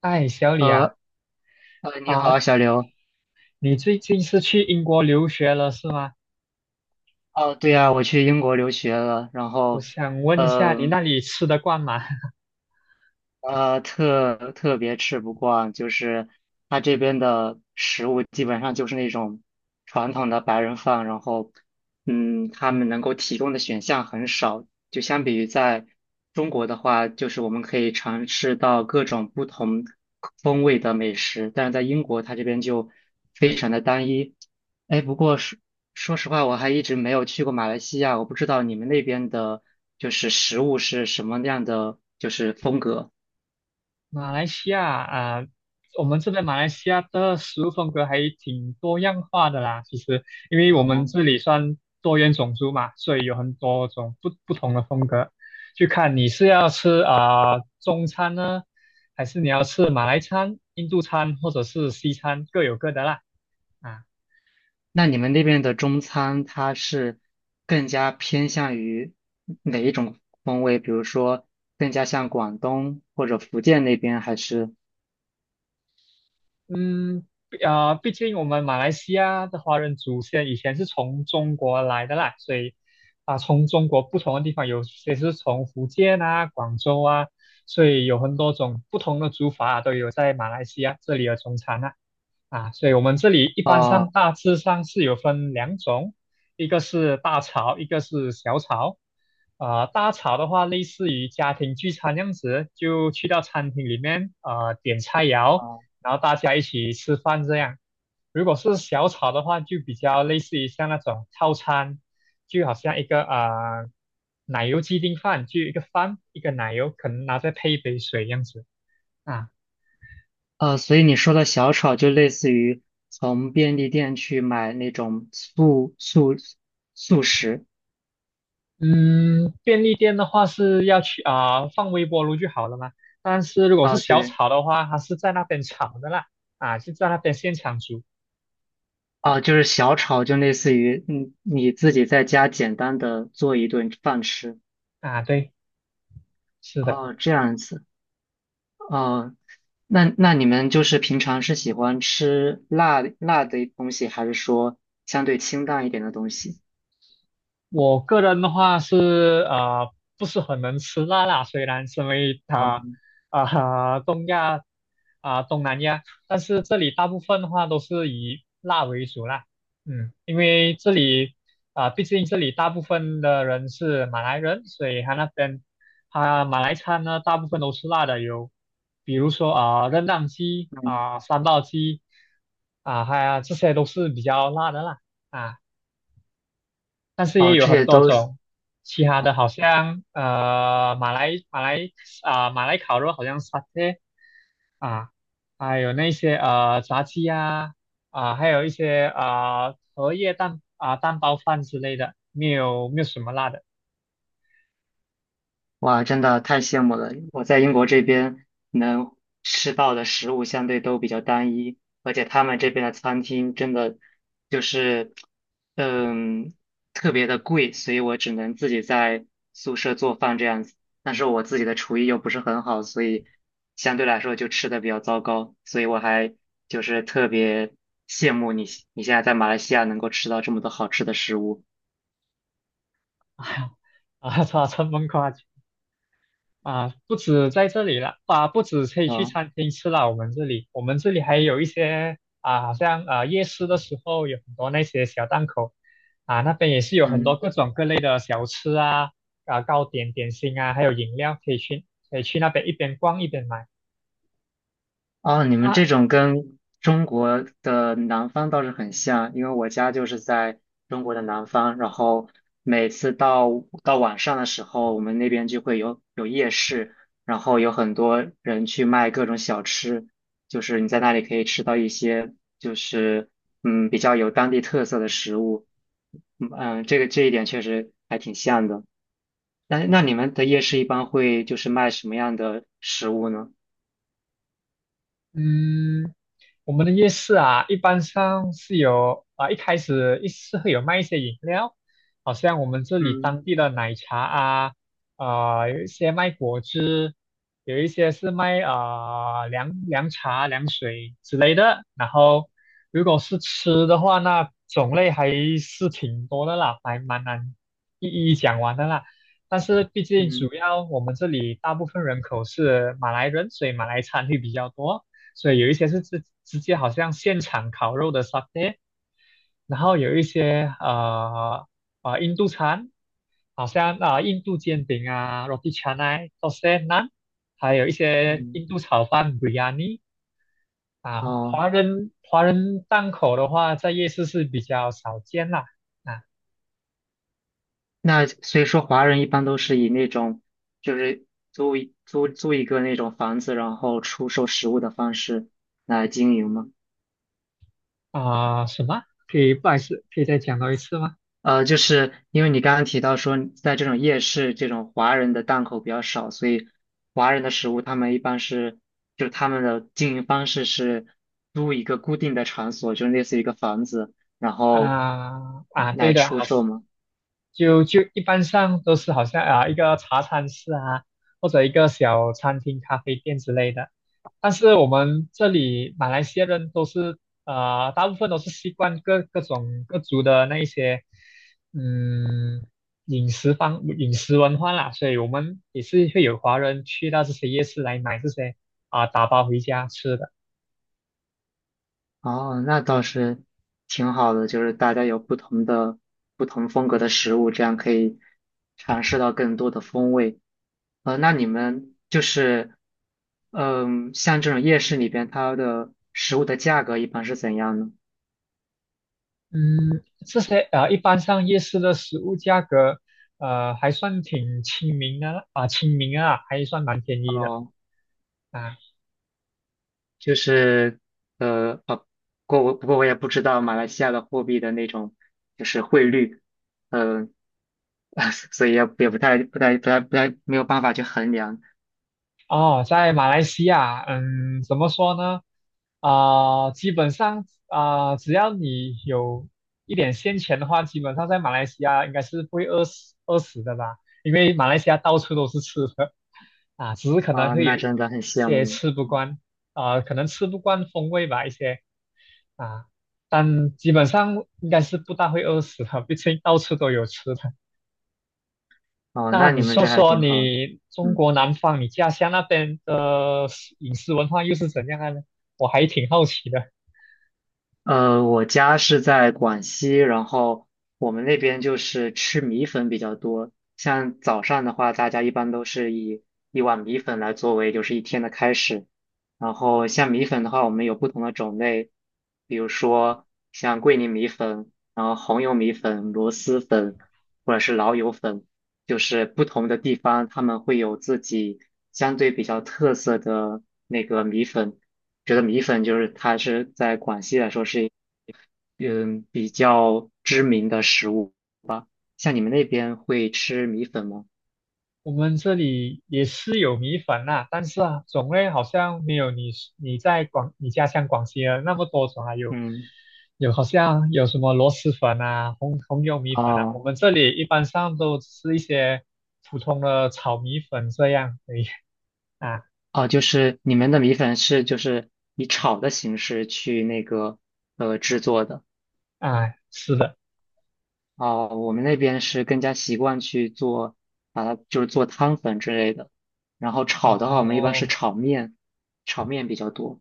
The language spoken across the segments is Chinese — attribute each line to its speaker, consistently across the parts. Speaker 1: 哎，小李啊，
Speaker 2: 呃你
Speaker 1: 啊、
Speaker 2: 好，小刘。
Speaker 1: 你最近是去英国留学了是吗？
Speaker 2: 哦，对呀，我去英国留学了，然
Speaker 1: 我
Speaker 2: 后，
Speaker 1: 想问一下，你
Speaker 2: 嗯、
Speaker 1: 那里吃得惯吗？
Speaker 2: 特别吃不惯，就是他这边的食物基本上就是那种传统的白人饭，然后，嗯，他们能够提供的选项很少，就相比于在中国的话，就是我们可以尝试到各种不同风味的美食，但是在英国，它这边就非常的单一。哎，不过说实话，我还一直没有去过马来西亚，我不知道你们那边的，就是食物是什么样的，就是风格。
Speaker 1: 马来西亚啊、我们这边马来西亚的食物风格还挺多样化的啦。其实，因为我们
Speaker 2: 哦，
Speaker 1: 这里算多元种族嘛，所以有很多种不同的风格。就看你是要吃中餐呢，还是你要吃马来餐、印度餐或者是西餐，各有各的啦。啊。
Speaker 2: 那你们那边的中餐，它是更加偏向于哪一种风味？比如说，更加像广东或者福建那边，还是？
Speaker 1: 嗯，毕竟我们马来西亚的华人祖先以前是从中国来的啦，所以从中国不同的地方，有些是从福建啊、广州啊，所以有很多种不同的煮法啊、都有在马来西亚这里的中餐啊。所以我们这里一般
Speaker 2: 哦
Speaker 1: 上大致上是有分两种，一个是大炒，一个是小炒。大炒的话，类似于家庭聚餐这样子，就去到餐厅里面，点菜肴，
Speaker 2: 哦
Speaker 1: 然后大家一起吃饭这样。如果是小炒的话，就比较类似于像那种套餐，就好像一个奶油鸡丁饭，就一个饭一个奶油，可能拿再配一杯水这样子啊。
Speaker 2: 所以你说的小炒就类似于从便利店去买那种速食
Speaker 1: 嗯，便利店的话是要去放微波炉就好了嘛。但是如果是
Speaker 2: 啊，
Speaker 1: 小
Speaker 2: 对
Speaker 1: 炒的话，它是在那边炒的啦，是在那边现场煮
Speaker 2: 啊，就是小炒就类似于嗯你自己在家简单的做一顿饭吃。
Speaker 1: 啊。对，是的。
Speaker 2: 哦，这样子。哦，那你们就是平常是喜欢吃辣辣的东西，还是说相对清淡一点的东西？
Speaker 1: 我个人的话是不是很能吃辣辣，虽然身为啊、东亚东南亚，但是这里大部分的话都是以辣为主啦。因为这里毕竟这里大部分的人是马来人，所以他那边他马来餐呢大部分都是辣的，有比如说r e 鸡
Speaker 2: 嗯，
Speaker 1: 啊、三道鸡啊，还有这些都是比较辣的啦。啊。但是也
Speaker 2: 哦，
Speaker 1: 有
Speaker 2: 这
Speaker 1: 很
Speaker 2: 些
Speaker 1: 多
Speaker 2: 都是。
Speaker 1: 种，其他的好像马来烤肉好像 satay 啊，还有那些炸鸡呀啊、还有一些啊、荷叶蛋啊、蛋包饭之类的，没有什么辣的，
Speaker 2: 哇，真的太羡慕了！我在英国这边能吃到的食物相对都比较单一，而且他们这边的餐厅真的就是，嗯，特别的贵，所以我只能自己在宿舍做饭这样子。但是我自己的厨艺又不是很好，所以相对来说就吃的比较糟糕。所以我还就是特别羡慕你，你现在在马来西亚能够吃到这么多好吃的食物。
Speaker 1: 啊，这么夸张啊，不止在这里了，不止可以去
Speaker 2: 嗯
Speaker 1: 餐厅吃了，我们这里还有一些啊，好像夜市的时候有很多那些小档口，那边也是有很多
Speaker 2: 嗯。
Speaker 1: 各种各类的小吃啊，糕点、点心啊，还有饮料可以去，可以去那边一边逛一边买
Speaker 2: 哦，你们
Speaker 1: 啊。
Speaker 2: 这种跟中国的南方倒是很像，因为我家就是在中国的南方，然后每次到晚上的时候，我们那边就会有夜市，然后有很多人去卖各种小吃，就是你在那里可以吃到一些就是嗯比较有当地特色的食物，嗯，嗯这一点确实还挺像的。那你们的夜市一般会就是卖什么样的食物呢？
Speaker 1: 嗯。我们的夜市啊，一般上是有一开始是会有卖一些饮料，好像我们这里
Speaker 2: 嗯
Speaker 1: 当地的奶茶啊，有一些卖果汁，有一些是卖凉茶、凉水之类的。然后如果是吃的话，那种类还是挺多的啦，还蛮难一一讲完的啦。但是毕竟主
Speaker 2: 嗯
Speaker 1: 要我们这里大部分人口是马来人，所以马来餐会比较多。所以有一些是直接好像现场烤肉的 satay，然后有一些印度餐，好像印度煎饼啊，roti c a n a d o s a n a 还有一些
Speaker 2: 嗯。
Speaker 1: 印度炒饭 biryani 啊，
Speaker 2: 哦，
Speaker 1: 华人档口的话，在夜市是比较少见啦啊。
Speaker 2: 那所以说华人一般都是以那种就是租一个那种房子，然后出售食物的方式来经营吗？
Speaker 1: 什么？不好意思，可以再讲到一次吗？
Speaker 2: 呃，就是因为你刚刚提到说，在这种夜市，这种华人的档口比较少，所以华人的食物他们一般是，就他们的经营方式是租一个固定的场所，就类似于一个房子，然后
Speaker 1: 对
Speaker 2: 来
Speaker 1: 的，好。
Speaker 2: 出售吗？
Speaker 1: 就一般上都是好像一个茶餐室啊，或者一个小餐厅、咖啡店之类的。但是我们这里马来西亚人都是大部分都是习惯各种各族的那一些嗯饮食文化啦，所以我们也是会有华人去到这些夜市来买这些打包回家吃的。
Speaker 2: 哦，那倒是挺好的，就是大家有不同的、不同风格的食物，这样可以尝试到更多的风味。呃，那你们就是，嗯，像这种夜市里边，它的食物的价格一般是怎样呢？
Speaker 1: 嗯，这些一般上夜市的食物价格，还算挺亲民的啦啊，亲民啊，还算蛮便宜的
Speaker 2: 哦，
Speaker 1: 啊。
Speaker 2: 就是，呃，哦，不过我也不知道马来西亚的货币的那种就是汇率，嗯、啊，所以也不太没有办法去衡量。
Speaker 1: 哦，在马来西亚，怎么说呢？基本上只要你有一点现钱的话，基本上在马来西亚应该是不会饿死的吧？因为马来西亚到处都是吃的啊，只是可能
Speaker 2: 啊，
Speaker 1: 会
Speaker 2: 那
Speaker 1: 有一
Speaker 2: 真的很羡
Speaker 1: 些
Speaker 2: 慕。
Speaker 1: 吃不惯可能吃不惯风味吧，一些啊，但基本上应该是不大会饿死的，毕竟到处都有吃的。
Speaker 2: 哦，
Speaker 1: 那
Speaker 2: 那你
Speaker 1: 你
Speaker 2: 们
Speaker 1: 说
Speaker 2: 这还
Speaker 1: 说
Speaker 2: 挺好的。
Speaker 1: 你中
Speaker 2: 嗯，
Speaker 1: 国南方，你家乡那边的饮食文化又是怎样的呢？我还挺好奇的。
Speaker 2: 呃，我家是在广西，然后我们那边就是吃米粉比较多。像早上的话，大家一般都是以一碗米粉来作为就是一天的开始。然后像米粉的话，我们有不同的种类，比如说像桂林米粉，然后红油米粉、螺蛳粉，或者是老友粉，就是不同的地方他们会有自己相对比较特色的那个米粉。觉得米粉就是它是在广西来说是嗯比较知名的食物。像你们那边会吃米粉吗？
Speaker 1: 我们这里也是有米粉呐、但是啊，种类好像没有你家乡广西啊那么多种啊，有
Speaker 2: 嗯，
Speaker 1: 有好像有什么螺蛳粉啊、红油米粉啊，
Speaker 2: 哦
Speaker 1: 我们这里一般上都吃一些普通的炒米粉这样而已啊
Speaker 2: 哦,就是你们的米粉是就是以炒的形式去那个呃制作的。
Speaker 1: 是的。
Speaker 2: 哦，我们那边是更加习惯去做，把它就是做汤粉之类的。然后炒的话，我们一般是
Speaker 1: 哦。
Speaker 2: 炒面，炒面比较多。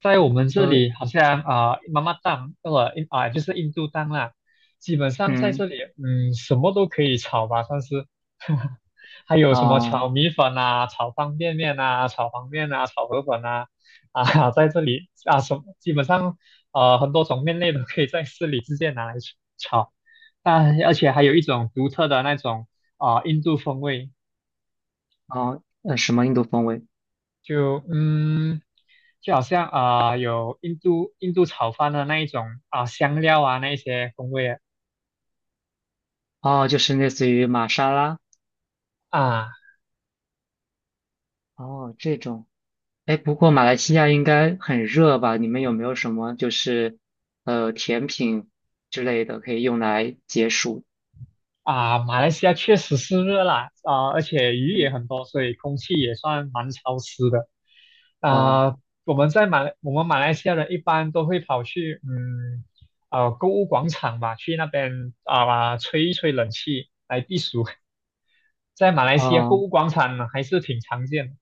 Speaker 1: 在我们这
Speaker 2: 呃，
Speaker 1: 里好像妈妈档呃印啊、就是印度档啦，基本上在这
Speaker 2: 嗯，
Speaker 1: 里什么都可以炒吧，算是，还有什么
Speaker 2: 啊、
Speaker 1: 炒米粉呐，炒方便面呐，炒黄面呐，炒河粉啊。在这里什么基本上很多种面类都可以在市里直接拿来炒，但而且还有一种独特的那种印度风味，
Speaker 2: 啊、呃，什么印度风味？
Speaker 1: 就就好像有印度炒饭的那一种啊、香料啊那一些风味
Speaker 2: 哦，就是类似于玛莎拉，
Speaker 1: 啊
Speaker 2: 哦，这种，哎，不过马来西亚应该很热吧？你们有没有什么就是呃甜品之类的可以用来解暑？
Speaker 1: 啊。马来西亚确实是热啦啊、而且鱼也
Speaker 2: 嗯，
Speaker 1: 很多，所以空气也算蛮潮湿的
Speaker 2: 哦
Speaker 1: 啊、我们马来西亚人一般都会跑去购物广场吧，去那边吹一吹冷气来避暑，在马来西亚购
Speaker 2: 哦,
Speaker 1: 物广场呢还是挺常见的。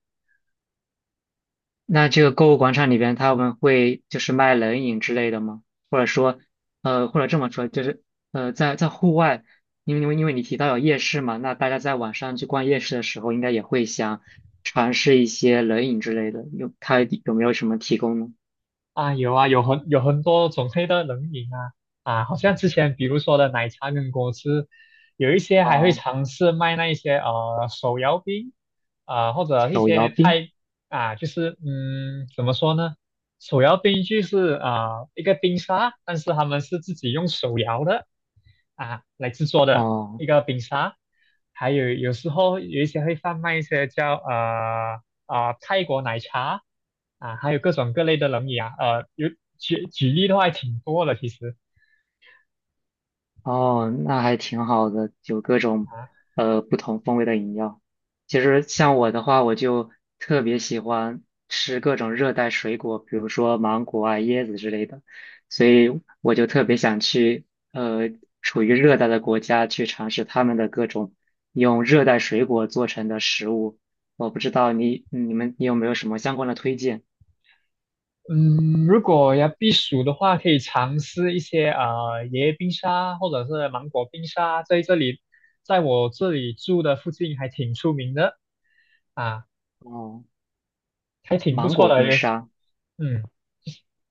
Speaker 2: 那这个购物广场里边他们会就是卖冷饮之类的吗？或者说，呃，或者这么说，就是呃，在在户外，因为你提到有夜市嘛，那大家在晚上去逛夜市的时候，应该也会想尝试一些冷饮之类的，它有没有什么提供呢？
Speaker 1: 啊，有啊，有很多种类的冷饮啊。好像之前比如说的奶茶跟果汁，有一些还会
Speaker 2: 哦，
Speaker 1: 尝试卖那一些手摇冰啊、或者一
Speaker 2: 手摇
Speaker 1: 些
Speaker 2: 冰，
Speaker 1: 太啊，就是怎么说呢，手摇冰就是一个冰沙，但是他们是自己用手摇的啊来制作的
Speaker 2: 哦
Speaker 1: 一个冰沙，还有时候有一些会贩卖一些叫泰国奶茶啊，还有各种各类的冷饮啊，呃有举举例的话还挺多的其实
Speaker 2: 哦,那还挺好的，有各种
Speaker 1: 啊。
Speaker 2: 呃不同风味的饮料。其实像我的话，我就特别喜欢吃各种热带水果，比如说芒果啊、椰子之类的，所以我就特别想去呃处于热带的国家去尝试他们的各种用热带水果做成的食物。我不知道你有没有什么相关的推荐？
Speaker 1: 嗯，如果要避暑的话，可以尝试一些椰冰沙或者是芒果冰沙，在这里，在我这里住的附近还挺出名的啊，
Speaker 2: 哦，
Speaker 1: 还挺不
Speaker 2: 芒
Speaker 1: 错
Speaker 2: 果
Speaker 1: 的，
Speaker 2: 冰
Speaker 1: 也是
Speaker 2: 沙。
Speaker 1: 嗯。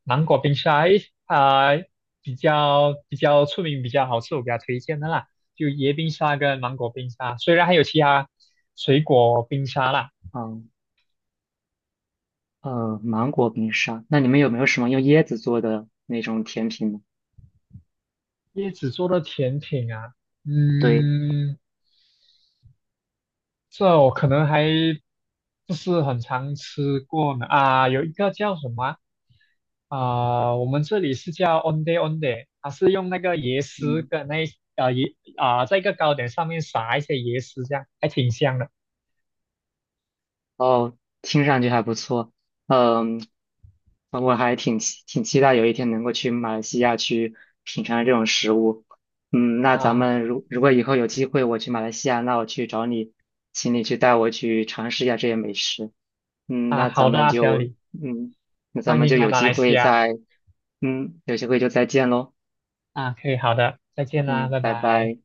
Speaker 1: 芒果冰沙，诶，啊、呃比较出名、比较好吃，我给他推荐的啦，就椰冰沙跟芒果冰沙。虽然还有其他水果冰沙啦，
Speaker 2: 嗯。呃，芒果冰沙，那你们有没有什么用椰子做的那种甜品呢？
Speaker 1: 椰子做的甜品啊，
Speaker 2: 对，
Speaker 1: 嗯，这我可能还不是很常吃过呢。啊，有一个叫什么啊、我们这里是叫 onde onde，它是用那个椰丝
Speaker 2: 嗯，
Speaker 1: 跟那一呃椰啊、在一个糕点上面撒一些椰丝，这样还挺香的
Speaker 2: 哦，听上去还不错，嗯，呃我还挺期待有一天能够去马来西亚去品尝这种食物。嗯，那咱
Speaker 1: 啊。
Speaker 2: 们如果以后有机会我去马来西亚，那我去找你，请你去带我去尝试一下这些美食。嗯，
Speaker 1: 啊，
Speaker 2: 那咱
Speaker 1: 好的
Speaker 2: 们
Speaker 1: 啊，小
Speaker 2: 就
Speaker 1: 李，
Speaker 2: 嗯，那咱
Speaker 1: 欢
Speaker 2: 们
Speaker 1: 迎
Speaker 2: 就
Speaker 1: 来
Speaker 2: 有
Speaker 1: 马
Speaker 2: 机
Speaker 1: 来西
Speaker 2: 会
Speaker 1: 亚
Speaker 2: 再嗯，有机会就再见喽。
Speaker 1: 啊。可以，好的，再见啦，
Speaker 2: 嗯，
Speaker 1: 拜
Speaker 2: 拜
Speaker 1: 拜。
Speaker 2: 拜。